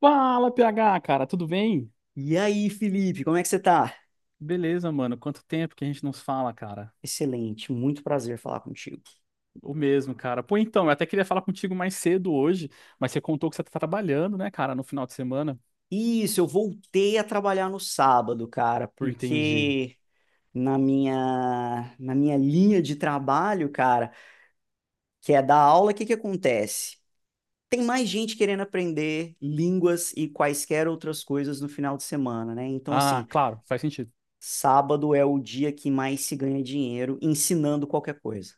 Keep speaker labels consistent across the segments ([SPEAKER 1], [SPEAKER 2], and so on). [SPEAKER 1] Fala, PH, cara, tudo bem?
[SPEAKER 2] E aí, Felipe, como é que você tá?
[SPEAKER 1] Beleza, mano. Quanto tempo que a gente não se fala, cara?
[SPEAKER 2] Excelente, muito prazer falar contigo.
[SPEAKER 1] O mesmo, cara. Pô, então, eu até queria falar contigo mais cedo hoje, mas você contou que você tá trabalhando, né, cara, no final de semana.
[SPEAKER 2] Isso, eu voltei a trabalhar no sábado, cara,
[SPEAKER 1] Entendi.
[SPEAKER 2] porque na minha linha de trabalho, cara, que é dar aula, o que que acontece? Tem mais gente querendo aprender línguas e quaisquer outras coisas no final de semana, né? Então,
[SPEAKER 1] Ah,
[SPEAKER 2] assim,
[SPEAKER 1] claro, faz sentido.
[SPEAKER 2] sábado é o dia que mais se ganha dinheiro ensinando qualquer coisa.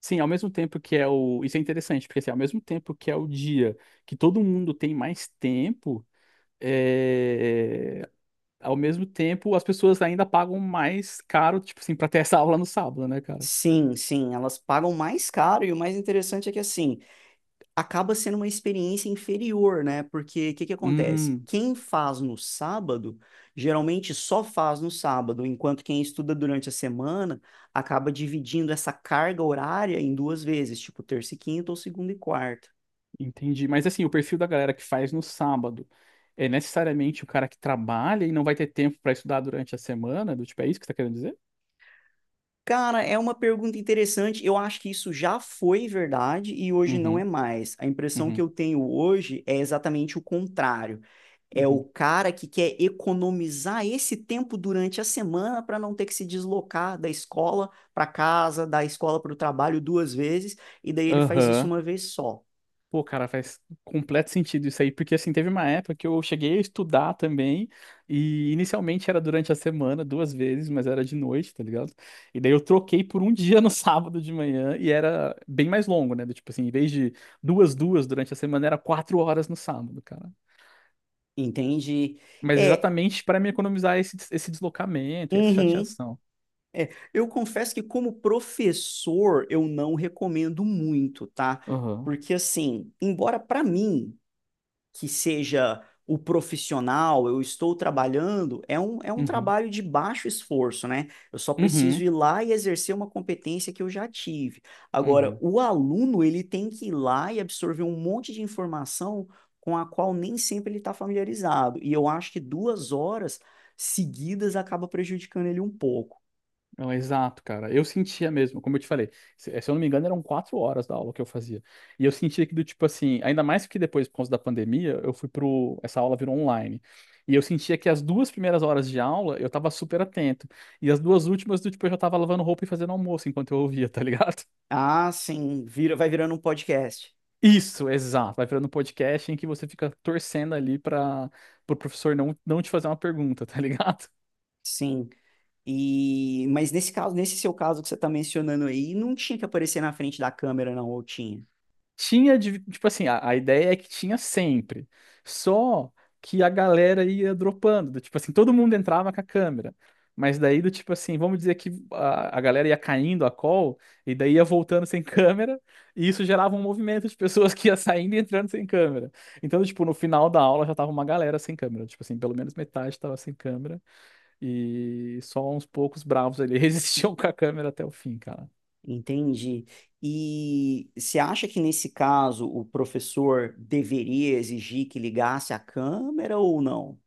[SPEAKER 1] Sim, ao mesmo tempo que é o. Isso é interessante, porque assim, ao mesmo tempo que é o dia que todo mundo tem mais tempo, é... ao mesmo tempo as pessoas ainda pagam mais caro, tipo assim, pra ter essa aula no sábado, né, cara?
[SPEAKER 2] Sim, sim, elas pagam mais caro e o mais interessante é que assim, acaba sendo uma experiência inferior, né? Porque o que que acontece?
[SPEAKER 1] Hum.
[SPEAKER 2] Quem faz no sábado, geralmente só faz no sábado, enquanto quem estuda durante a semana acaba dividindo essa carga horária em duas vezes, tipo terça e quinta ou segunda e quarta.
[SPEAKER 1] Entendi. Mas assim, o perfil da galera que faz no sábado é necessariamente o cara que trabalha e não vai ter tempo pra estudar durante a semana? Do tipo, é isso que você tá querendo dizer?
[SPEAKER 2] Cara, é uma pergunta interessante. Eu acho que isso já foi verdade e hoje não é
[SPEAKER 1] Uhum,
[SPEAKER 2] mais. A impressão que
[SPEAKER 1] uhum,
[SPEAKER 2] eu tenho hoje é exatamente o contrário. É o
[SPEAKER 1] uhum.
[SPEAKER 2] cara que quer economizar esse tempo durante a semana para não ter que se deslocar da escola para casa, da escola para o trabalho duas vezes, e daí ele faz isso
[SPEAKER 1] Aham.
[SPEAKER 2] uma vez só.
[SPEAKER 1] Pô, cara, faz completo sentido isso aí, porque assim, teve uma época que eu cheguei a estudar também, e inicialmente era durante a semana, duas vezes, mas era de noite, tá ligado? E daí eu troquei por um dia no sábado de manhã, e era bem mais longo, né? Do tipo assim, em vez de duas durante a semana, era quatro horas no sábado, cara.
[SPEAKER 2] Entende?
[SPEAKER 1] Mas
[SPEAKER 2] É,
[SPEAKER 1] exatamente para me economizar esse deslocamento e essa
[SPEAKER 2] uhum,
[SPEAKER 1] chateação.
[SPEAKER 2] é. Eu confesso que como professor eu não recomendo muito, tá?
[SPEAKER 1] Aham.
[SPEAKER 2] Porque assim, embora para mim que seja o profissional, eu estou trabalhando, é um
[SPEAKER 1] Uhum.
[SPEAKER 2] trabalho de baixo esforço, né? Eu só preciso
[SPEAKER 1] Uhum.
[SPEAKER 2] ir lá e exercer uma competência que eu já tive. Agora,
[SPEAKER 1] Uhum.
[SPEAKER 2] o aluno, ele tem que ir lá e absorver um monte de informação com a qual nem sempre ele está familiarizado. E eu acho que 2 horas seguidas acaba prejudicando ele um pouco.
[SPEAKER 1] Não, exato, cara. Eu sentia mesmo, como eu te falei, se eu não me engano, eram quatro horas da aula que eu fazia. E eu sentia que do tipo assim, ainda mais que depois, por causa da pandemia, eu fui pro. Essa aula virou online. E eu sentia que as duas primeiras horas de aula eu tava super atento. E as duas últimas, do tipo, eu já tava lavando roupa e fazendo almoço enquanto eu ouvia, tá ligado?
[SPEAKER 2] Ah, sim, vai virando um podcast.
[SPEAKER 1] Isso, exato. Vai virando um podcast em que você fica torcendo ali para o professor não te fazer uma pergunta, tá ligado?
[SPEAKER 2] Sim. E, mas nesse caso, nesse seu caso que você está mencionando aí, não tinha que aparecer na frente da câmera, não, ou tinha?
[SPEAKER 1] Tinha, tipo assim, a ideia é que tinha sempre. Só que a galera ia dropando. Do tipo assim, todo mundo entrava com a câmera. Mas daí, do tipo assim, vamos dizer que a galera ia caindo a call e daí ia voltando sem câmera. E isso gerava um movimento de pessoas que ia saindo e entrando sem câmera. Então, tipo, no final da aula já tava uma galera sem câmera. Tipo assim, pelo menos metade tava sem câmera. E só uns poucos bravos ali resistiam com a câmera até o fim, cara.
[SPEAKER 2] Entendi. E você acha que nesse caso o professor deveria exigir que ligasse a câmera ou não?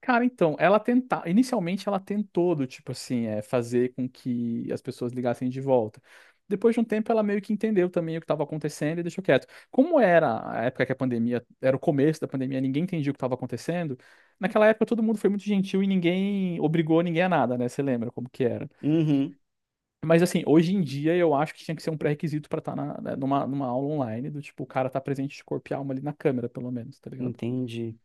[SPEAKER 1] Cara, então, ela tenta, inicialmente ela tentou do tipo assim, fazer com que as pessoas ligassem de volta. Depois de um tempo ela meio que entendeu também o que estava acontecendo e deixou quieto. Como era a época que a pandemia, era o começo da pandemia, ninguém entendia o que estava acontecendo. Naquela época todo mundo foi muito gentil e ninguém obrigou ninguém a nada, né? Você lembra como que era?
[SPEAKER 2] Uhum,
[SPEAKER 1] Mas assim, hoje em dia eu acho que tinha que ser um pré-requisito pra estar numa, numa aula online, do tipo, o cara tá presente de corpo e alma ali na câmera, pelo menos, tá ligado?
[SPEAKER 2] entendi.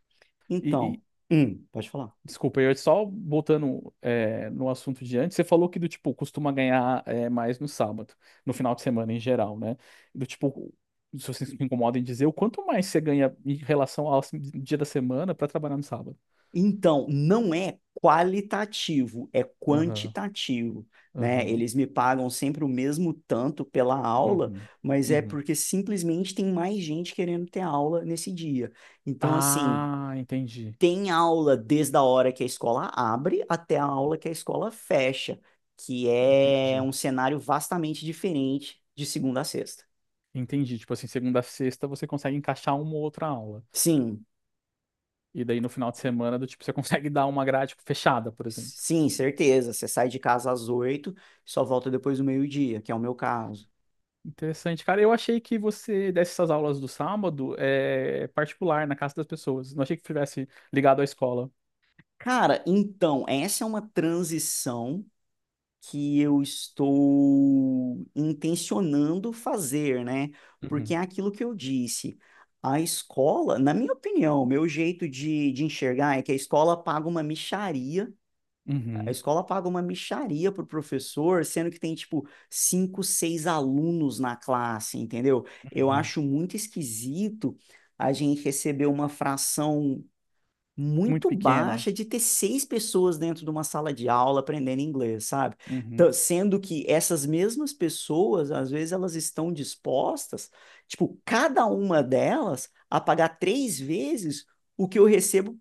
[SPEAKER 1] E, e-
[SPEAKER 2] Então, pode falar.
[SPEAKER 1] desculpa, eu só voltando no assunto de antes, você falou que do tipo, costuma ganhar mais no sábado, no final de semana em geral, né? Do tipo, se vocês se incomodam em dizer, o quanto mais você ganha em relação ao assim, dia da semana pra trabalhar no sábado?
[SPEAKER 2] Então, não é qualitativo, é
[SPEAKER 1] Aham,
[SPEAKER 2] quantitativo, né?
[SPEAKER 1] aham,
[SPEAKER 2] Eles me pagam sempre o mesmo tanto pela aula,
[SPEAKER 1] uhum,
[SPEAKER 2] mas é
[SPEAKER 1] uhum.
[SPEAKER 2] porque simplesmente tem mais gente querendo ter aula nesse dia. Então, assim,
[SPEAKER 1] Ah, entendi,
[SPEAKER 2] tem aula desde a hora que a escola abre até a aula que a escola fecha, que é
[SPEAKER 1] entendi.
[SPEAKER 2] um cenário vastamente diferente de segunda a sexta.
[SPEAKER 1] Entendi. Tipo assim, segunda a sexta você consegue encaixar uma ou outra aula.
[SPEAKER 2] Sim,
[SPEAKER 1] E daí no final de semana, do tipo, você consegue dar uma grade tipo, fechada, por exemplo.
[SPEAKER 2] sim, certeza. Você sai de casa às 8h, só volta depois do meio-dia, que é o meu caso.
[SPEAKER 1] Interessante, cara. Eu achei que você desse essas aulas do sábado é particular na casa das pessoas. Não achei que tivesse ligado à escola.
[SPEAKER 2] Cara, então, essa é uma transição que eu estou intencionando fazer, né? Porque
[SPEAKER 1] Uhum,
[SPEAKER 2] é aquilo que eu disse. A escola, na minha opinião, meu jeito de enxergar é que a escola paga uma mixaria. A
[SPEAKER 1] uhum,
[SPEAKER 2] escola paga uma mixaria pro professor, sendo que tem, tipo, cinco, seis alunos na classe, entendeu? Eu
[SPEAKER 1] uhum.
[SPEAKER 2] acho muito esquisito a gente receber uma fração
[SPEAKER 1] Muito
[SPEAKER 2] muito
[SPEAKER 1] pequena.
[SPEAKER 2] baixa de ter seis pessoas dentro de uma sala de aula aprendendo inglês, sabe?
[SPEAKER 1] Uhum.
[SPEAKER 2] Sendo que essas mesmas pessoas, às vezes, elas estão dispostas, tipo, cada uma delas, a pagar três vezes o que eu recebo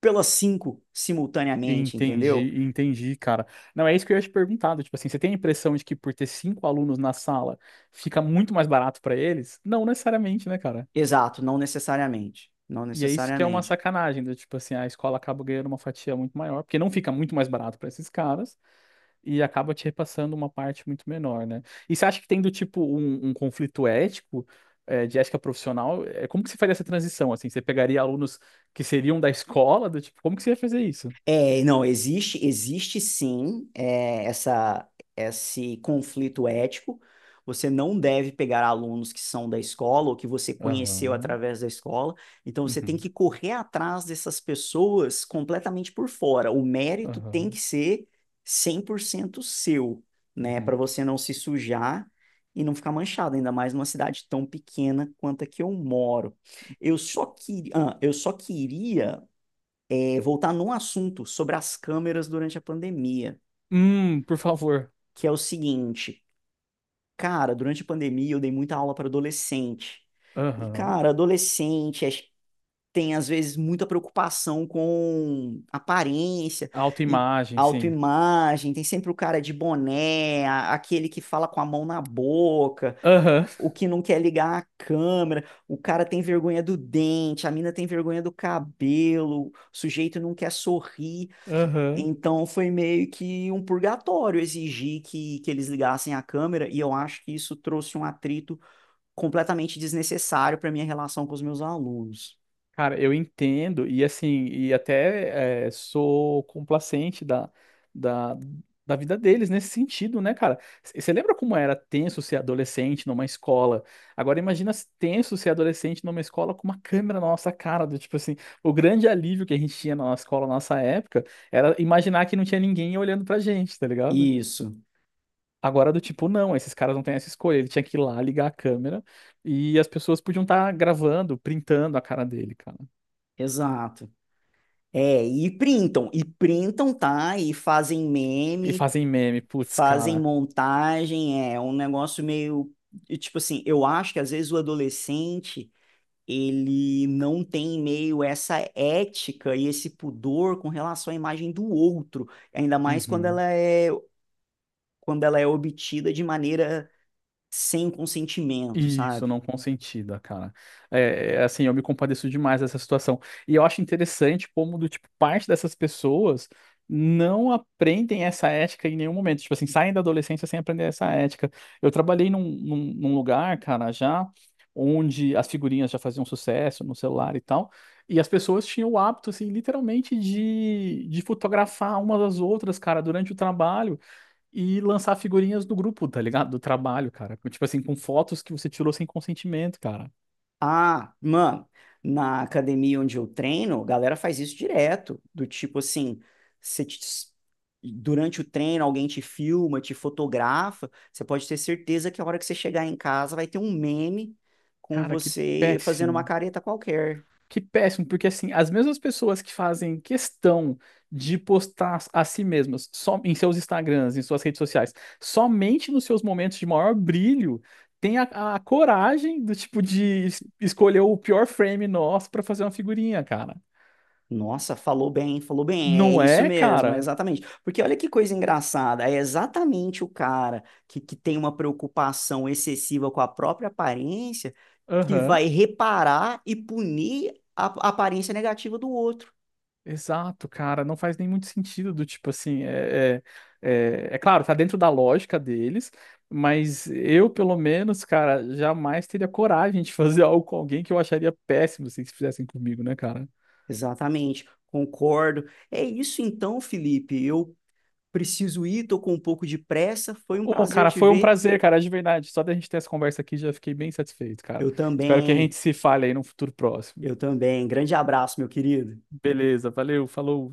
[SPEAKER 2] pelas cinco simultaneamente, entendeu?
[SPEAKER 1] Entendi, entendi, cara. Não, é isso que eu ia te perguntar. Do tipo assim, você tem a impressão de que por ter cinco alunos na sala fica muito mais barato pra eles? Não necessariamente, né, cara?
[SPEAKER 2] Exato, não necessariamente. Não
[SPEAKER 1] E é isso que é uma
[SPEAKER 2] necessariamente.
[SPEAKER 1] sacanagem, do tipo assim, a escola acaba ganhando uma fatia muito maior, porque não fica muito mais barato para esses caras e acaba te repassando uma parte muito menor, né? E você acha que tem do tipo um conflito ético, de ética profissional? Eh, como que você faria essa transição, assim? Você pegaria alunos que seriam da escola, do tipo, como que você ia fazer isso?
[SPEAKER 2] É, não, existe, existe sim, esse conflito ético. Você não deve pegar alunos que são da escola ou que você conheceu
[SPEAKER 1] Aham,
[SPEAKER 2] através da escola. Então, você tem
[SPEAKER 1] uhum,
[SPEAKER 2] que correr atrás dessas pessoas completamente por fora. O mérito tem
[SPEAKER 1] aham,
[SPEAKER 2] que ser 100% seu, né?
[SPEAKER 1] uhum.
[SPEAKER 2] Para você não se sujar e não ficar manchado, ainda mais numa cidade tão pequena quanto a que eu moro. Eu
[SPEAKER 1] Ti-
[SPEAKER 2] só, que, ah, eu só queria voltar num assunto sobre as câmeras durante a pandemia,
[SPEAKER 1] Por favor.
[SPEAKER 2] que é o seguinte, cara, durante a pandemia eu dei muita aula para adolescente. E,
[SPEAKER 1] Aham.
[SPEAKER 2] cara, adolescente tem às vezes muita preocupação com aparência e
[SPEAKER 1] Autoimagem, sim.
[SPEAKER 2] autoimagem, tem sempre o cara de boné, aquele que fala com a mão na boca,
[SPEAKER 1] Aham,
[SPEAKER 2] o que não quer ligar a câmera, o cara tem vergonha do dente, a mina tem vergonha do cabelo, o sujeito não quer sorrir.
[SPEAKER 1] aham.
[SPEAKER 2] Então foi meio que um purgatório exigir que eles ligassem a câmera, e eu acho que isso trouxe um atrito completamente desnecessário para minha relação com os meus alunos.
[SPEAKER 1] Cara, eu entendo, e assim, e até sou complacente da, da vida deles nesse sentido, né, cara? Você lembra como era tenso ser adolescente numa escola? Agora imagina se tenso ser adolescente numa escola com uma câmera na nossa cara, do tipo assim, o grande alívio que a gente tinha na nossa escola, na nossa época, era imaginar que não tinha ninguém olhando pra gente, tá ligado?
[SPEAKER 2] Isso,
[SPEAKER 1] Agora do tipo, não, esses caras não têm essa escolha, ele tinha que ir lá ligar a câmera e as pessoas podiam estar gravando, printando a cara dele, cara.
[SPEAKER 2] exato. É, e printam, tá? E fazem
[SPEAKER 1] E
[SPEAKER 2] meme,
[SPEAKER 1] fazem meme, putz,
[SPEAKER 2] fazem
[SPEAKER 1] cara.
[SPEAKER 2] montagem, é um negócio meio. Tipo assim, eu acho que às vezes o adolescente ele não tem meio essa ética e esse pudor com relação à imagem do outro, ainda mais quando
[SPEAKER 1] Uhum.
[SPEAKER 2] ela é quando ela é obtida de maneira sem consentimento,
[SPEAKER 1] Isso,
[SPEAKER 2] sabe?
[SPEAKER 1] não consentida, cara. Assim, eu me compadeço demais dessa situação. E eu acho interessante como, do tipo, parte dessas pessoas não aprendem essa ética em nenhum momento. Tipo assim, saem da adolescência sem aprender essa ética. Eu trabalhei num lugar, cara, já onde as figurinhas já faziam sucesso no celular e tal. E as pessoas tinham o hábito, assim, literalmente de fotografar umas às outras, cara, durante o trabalho. E lançar figurinhas do grupo, tá ligado? Do trabalho, cara. Tipo assim, com fotos que você tirou sem consentimento, cara.
[SPEAKER 2] Ah, mano, na academia onde eu treino, a galera faz isso direto, do tipo assim, você te- durante o treino alguém te filma, te fotografa, você pode ter certeza que a hora que você chegar em casa vai ter um meme com
[SPEAKER 1] Cara, que
[SPEAKER 2] você fazendo uma
[SPEAKER 1] péssimo.
[SPEAKER 2] careta qualquer.
[SPEAKER 1] Que péssimo, porque assim, as mesmas pessoas que fazem questão de postar a si mesmas só em seus Instagrams, em suas redes sociais, somente nos seus momentos de maior brilho, tem a coragem do tipo de escolher o pior frame nosso pra fazer uma figurinha, cara.
[SPEAKER 2] Nossa, falou bem, é
[SPEAKER 1] Não
[SPEAKER 2] isso
[SPEAKER 1] é,
[SPEAKER 2] mesmo, é
[SPEAKER 1] cara?
[SPEAKER 2] exatamente. Porque olha que coisa engraçada, é exatamente o cara que tem uma preocupação excessiva com a própria aparência que
[SPEAKER 1] Aham.
[SPEAKER 2] vai reparar e punir a aparência negativa do outro.
[SPEAKER 1] Exato, cara, não faz nem muito sentido do tipo assim, é, é claro, tá dentro da lógica deles, mas eu, pelo menos, cara, jamais teria coragem de fazer algo com alguém que eu acharia péssimo assim, se fizessem comigo, né, cara?
[SPEAKER 2] Exatamente, concordo. É isso então, Felipe, eu preciso ir, tô com um pouco de pressa, foi um
[SPEAKER 1] Ô,
[SPEAKER 2] prazer
[SPEAKER 1] cara,
[SPEAKER 2] te
[SPEAKER 1] foi um
[SPEAKER 2] ver.
[SPEAKER 1] prazer, cara, de verdade. Só da gente ter essa conversa aqui já fiquei bem satisfeito, cara.
[SPEAKER 2] Eu
[SPEAKER 1] Espero que a gente
[SPEAKER 2] também,
[SPEAKER 1] se fale aí no futuro próximo.
[SPEAKER 2] eu também. Grande abraço, meu querido.
[SPEAKER 1] Beleza, valeu, falou.